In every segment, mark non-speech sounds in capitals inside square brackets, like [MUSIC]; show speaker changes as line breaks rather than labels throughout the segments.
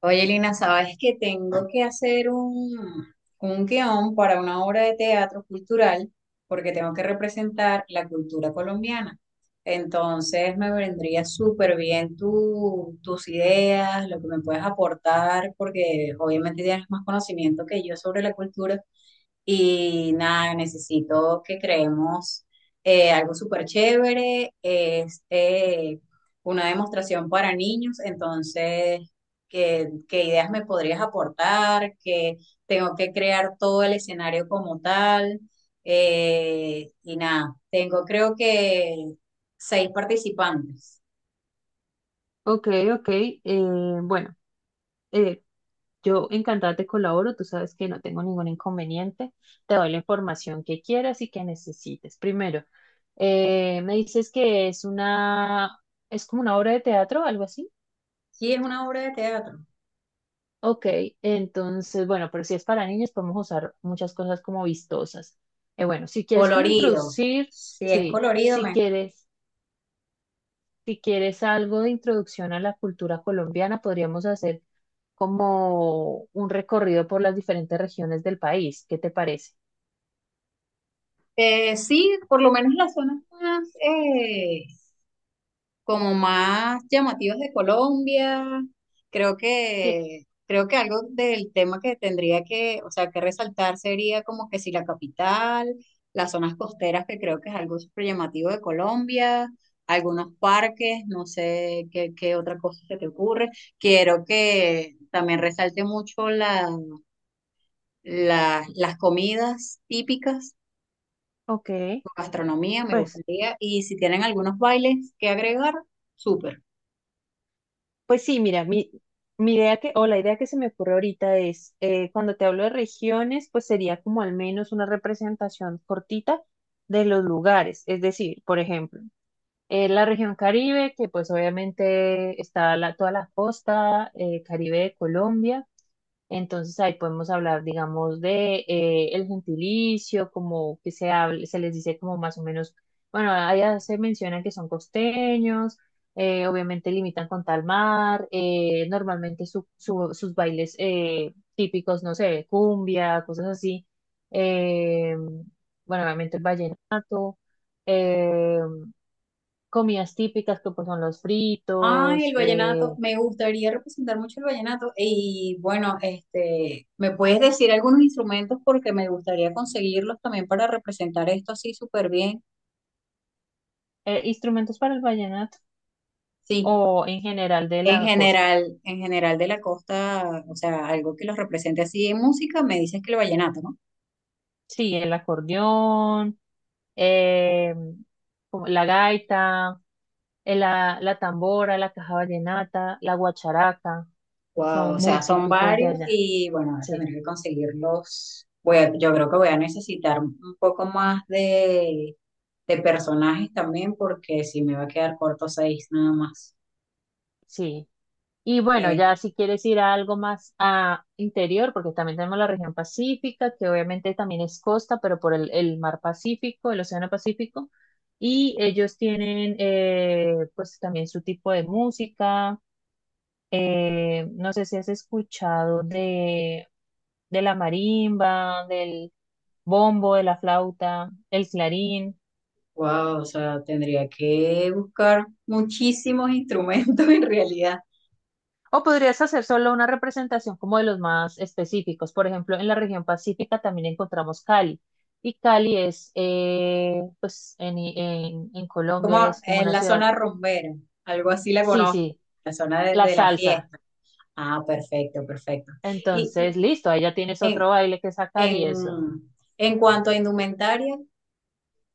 Oye, Lina, sabes que tengo que hacer un guión para una obra de teatro cultural porque tengo que representar la cultura colombiana. Entonces me vendría súper bien tus ideas, lo que me puedes aportar, porque obviamente tienes más conocimiento que yo sobre la cultura. Y nada, necesito que creemos algo súper chévere. Es una demostración para niños. Entonces, ¿qué ideas me podrías aportar? Que tengo que crear todo el escenario como tal. Y nada, tengo creo que 6 participantes.
Ok, ok. Bueno, eh, yo encantada te colaboro. Tú sabes que no tengo ningún inconveniente. Te doy la información que quieras y que necesites. Primero, me dices que es una, es como una obra de teatro, algo así.
Sí, es una obra de teatro.
Ok, entonces, bueno, pero si es para niños, podemos usar muchas cosas como vistosas. Bueno, si quieres como
Colorido.
introducir,
Si es
sí,
colorido,
si
me...
quieres, si quieres algo de introducción a la cultura colombiana, podríamos hacer como un recorrido por las diferentes regiones del país. ¿Qué te parece?
Sí, por lo menos la zona más como más llamativas de Colombia. Creo
Sí,
que, creo que algo del tema que tendría que, o sea, que resaltar sería como que si la capital, las zonas costeras, que creo que es algo súper llamativo de Colombia, algunos parques, no sé qué otra cosa se te ocurre. Quiero que también resalte mucho las comidas típicas,
ok,
gastronomía, me
pues,
gustaría. Y si tienen algunos bailes que agregar, súper.
pues sí, mira, mi idea que, o la idea que se me ocurre ahorita es, cuando te hablo de regiones, pues sería como al menos una representación cortita de los lugares. Es decir, por ejemplo, la región Caribe, que pues obviamente está la- toda la costa, Caribe de Colombia. Entonces ahí podemos hablar, digamos, de el gentilicio, como que se hable- se les dice como más o menos, bueno, allá se menciona que son costeños, obviamente limitan con tal mar, normalmente sus bailes típicos, no sé, cumbia, cosas así, eh, bueno, obviamente el vallenato, eh, comidas típicas que pues son los
Ay,
fritos,
el vallenato, me gustaría representar mucho el vallenato y bueno, este, ¿me puedes decir algunos instrumentos porque me gustaría conseguirlos también para representar esto así súper bien?
instrumentos para el vallenato
Sí,
o en general de la costa.
en general de la costa, o sea, algo que los represente así en música, me dices que el vallenato, ¿no?
Sí, el acordeón, eh, como la gaita, la tambora, la caja vallenata, la guacharaca,
Wow,
son
o sea,
muy
son
típicos de
varios
allá.
y bueno, voy a
Sí,
tener que conseguirlos. Yo creo que voy a necesitar un poco más de personajes también porque si me va a quedar corto 6 nada más.
sí. Y bueno, ya si quieres ir a algo más a interior, porque también tenemos la región pacífica, que obviamente también es costa, pero por el mar Pacífico, el océano Pacífico, y ellos tienen pues también su tipo de música. No sé si has escuchado de la marimba, del bombo, de la flauta, el clarín,
Wow, o sea, tendría que buscar muchísimos instrumentos [LAUGHS] en realidad,
o podrías hacer solo una representación como de los más específicos. Por ejemplo, en la región pacífica también encontramos Cali. Y Cali es, pues en
como
Colombia es como
en
una
la
ciudad.
zona rumbera, algo así la
Sí,
conozco,
sí,
la zona de,
la
de la
salsa.
fiesta. Ah, perfecto, perfecto. Y,
Entonces,
y
listo, ahí ya tienes otro
en,
baile que sacar y eso.
en cuanto a indumentaria,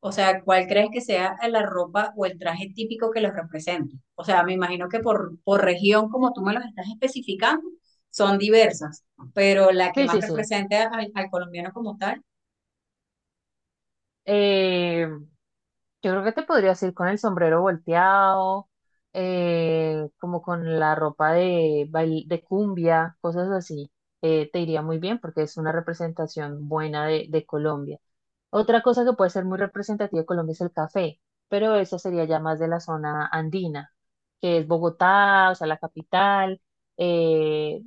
o sea, ¿cuál crees que sea la ropa o el traje típico que los represente? O sea, me imagino que por región, como tú me los estás especificando, son diversas, pero la que
Sí,
más
sí, sí.
representa al al colombiano como tal.
Eh, Yo creo que te podrías ir con el sombrero volteado, como con la ropa de, bail- de cumbia, cosas así. Te iría muy bien porque es una representación buena de Colombia. Otra cosa que puede ser muy representativa de Colombia es el café, pero eso sería ya más de la zona andina, que es Bogotá, o sea, la capital, eh,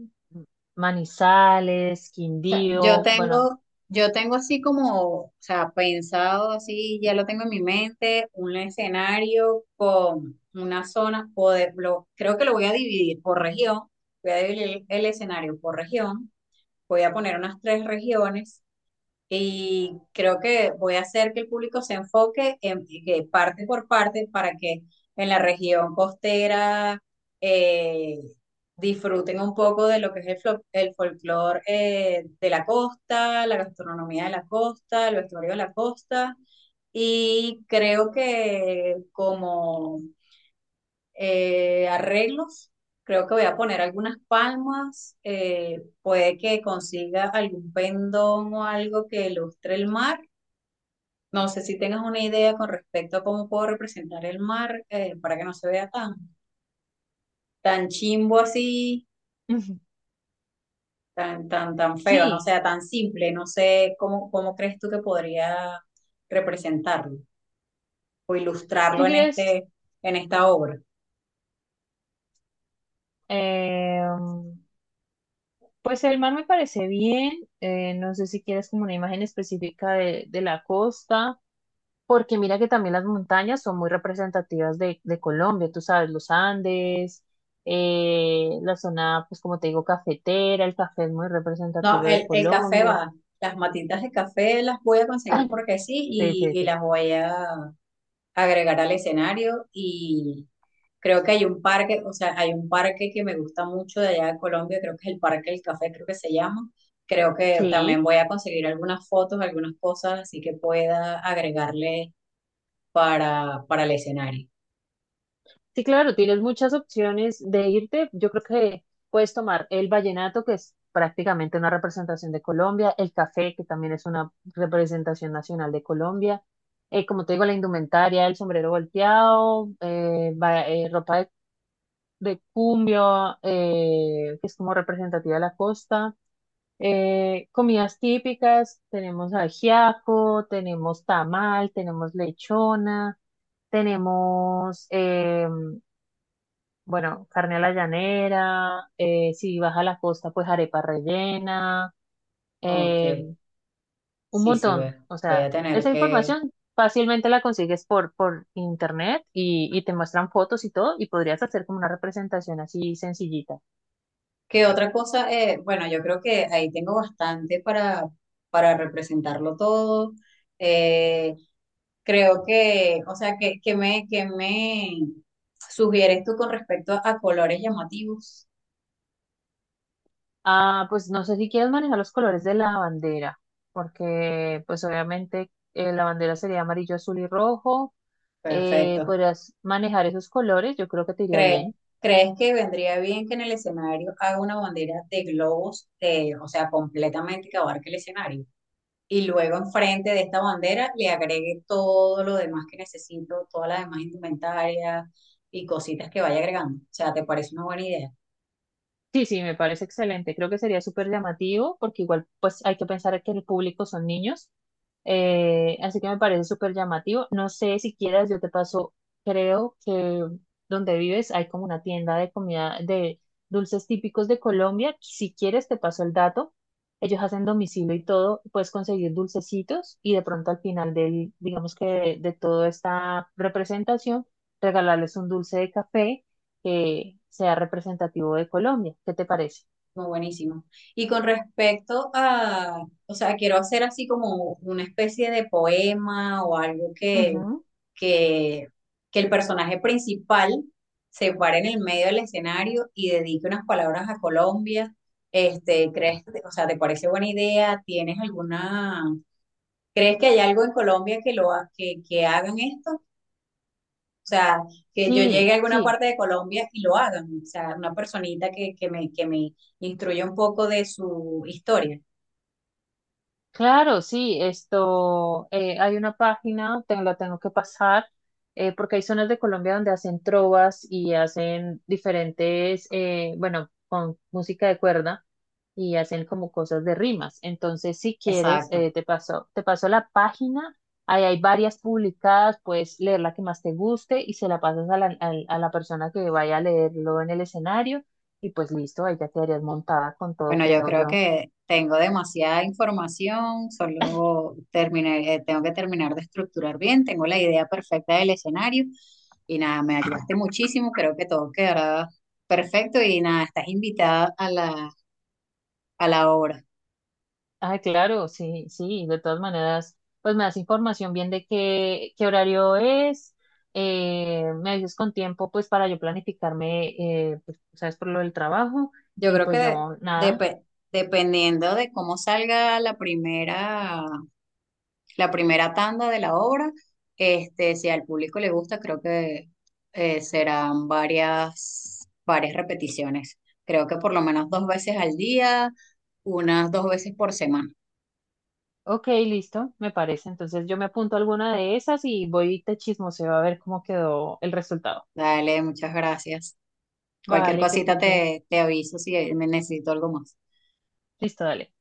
Manizales,
Sea,
Quindío, bueno,
yo tengo así como, o sea, pensado así, ya lo tengo en mi mente, un escenario con una zona, o creo que lo voy a dividir por región, voy a dividir el escenario por región, voy a poner unas 3 regiones y creo que voy a hacer que el público se enfoque en que parte por parte para que en la región costera eh, disfruten un poco de lo que es el folclore de la costa, la gastronomía de la costa, el vestuario de la costa. Y creo que como arreglos, creo que voy a poner algunas palmas, puede que consiga algún pendón o algo que ilustre el mar. No sé si tengas una idea con respecto a cómo puedo representar el mar para que no se vea tan, tan chimbo así,
[LAUGHS]
tan feo, no
sí,
sea tan simple. No sé cómo crees tú que podría representarlo o
tú
ilustrarlo en
quieres...
este, en esta obra.
em, pues el mar me parece bien, no sé si quieres como una imagen específica de la costa, porque mira que también las montañas son muy representativas de Colombia, tú sabes, los Andes, la zona, pues como te digo, cafetera, el café es muy
No,
representativo de
el café
Colombia.
va, las matitas de café las voy a conseguir
[LAUGHS]
porque sí
Sí, sí,
y
sí.
las voy a agregar al escenario. Creo que hay un parque, o sea, hay un parque que me gusta mucho de allá de Colombia, creo que es el Parque del Café, creo que se llama. Creo que también
Sí,
voy a conseguir algunas fotos, algunas cosas, así que pueda agregarle para el escenario.
sí, claro, tienes muchas opciones de irte. Yo creo que puedes tomar el vallenato, que es prácticamente una representación de Colombia, el café, que también es una representación nacional de Colombia, como te digo, la indumentaria, el sombrero volteado, ropa de cumbio, que es como representativa de la costa, comidas típicas, tenemos ajiaco, tenemos tamal, tenemos lechona, tenemos... bueno, carne a la llanera, si vas a la costa, pues arepa rellena,
Ok,
eh, un
sí, sí,
montón.
voy,
O
voy
sea,
a tener
esa
que,
información fácilmente la consigues por internet y te muestran fotos y todo, y podrías hacer como una representación así sencillita.
¿qué otra cosa? Bueno, yo creo que ahí tengo bastante para representarlo todo. Eh, Creo que, o sea, que me sugieres tú con respecto a colores llamativos.
Ah, pues no sé si quieres manejar los colores de la bandera, porque pues obviamente la bandera sería amarillo, azul y rojo.
Perfecto.
Podrías manejar esos colores, yo creo que te iría
Cre-
bien.
¿Crees que vendría bien que en el escenario haga una bandera de globos, o sea, completamente que abarque el escenario, y luego enfrente de esta bandera le agregue todo lo demás que necesito, todas las demás indumentarias y cositas que vaya agregando? O sea, ¿te parece una buena idea?
Sí, sí, me parece excelente. Creo que sería súper llamativo porque igual pues hay que pensar que el público son niños. Así que me parece súper llamativo. No sé si quieras, yo te paso, creo que donde vives hay como una tienda de comida, de dulces típicos de Colombia. Si quieres, te paso el dato. Ellos hacen domicilio y todo, puedes conseguir dulcecitos y de pronto al final del, digamos que de toda esta representación, regalarles un dulce de café que sea representativo de Colombia. ¿Qué te parece?
Muy buenísimo. Y con respecto a, o sea, quiero hacer así como una especie de poema o algo
Ujú.
que, que el personaje principal se pare en el medio del escenario y dedique unas palabras a Colombia. Este, ¿crees, o sea, te parece buena idea? ¿Tienes alguna... ¿Crees que hay algo en Colombia que que hagan esto? O sea, que yo llegue a
Sí,
alguna
sí,
parte de Colombia y lo hagan. O sea, una personita que me instruya un poco de su historia.
claro, sí. Esto, hay una página, te la tengo que pasar, porque hay zonas de Colombia donde hacen trovas y hacen diferentes, bueno, con música de cuerda. Y hacen como cosas de rimas. Entonces, si quieres,
Exacto.
te paso la página, ahí hay varias publicadas, puedes leer la que más te guste y se la pasas a la, al- a la persona que vaya a leerlo en el escenario y pues listo, ahí ya quedarías montada con todo,
Bueno, yo
creo
creo
yo.
que tengo demasiada información, solo terminé, tengo que terminar de estructurar bien, tengo la idea perfecta del escenario y nada, me ayudaste muchísimo, creo que todo quedará perfecto y nada, estás invitada a a la obra.
Ah, claro, sí, sí, de todas maneras, pues me das información bien de qué, qué horario es. Me avisas con tiempo pues para yo planificarme, pues, sabes, por lo del trabajo.
Yo
Y
creo que
pues yo nada.
depe- dependiendo de cómo salga la primera tanda de la obra, este, si al público le gusta, creo que serán varias repeticiones. Creo que por lo menos 2 veces al día, unas 2 veces por semana.
Ok, listo, me parece. Entonces yo me apunto a alguna de esas y voy y te chismoseo a ver cómo quedó el resultado.
Dale, muchas gracias. Cualquier
Vale, que
cosita
estés bien.
te aviso si me necesito algo más.
Listo, dale.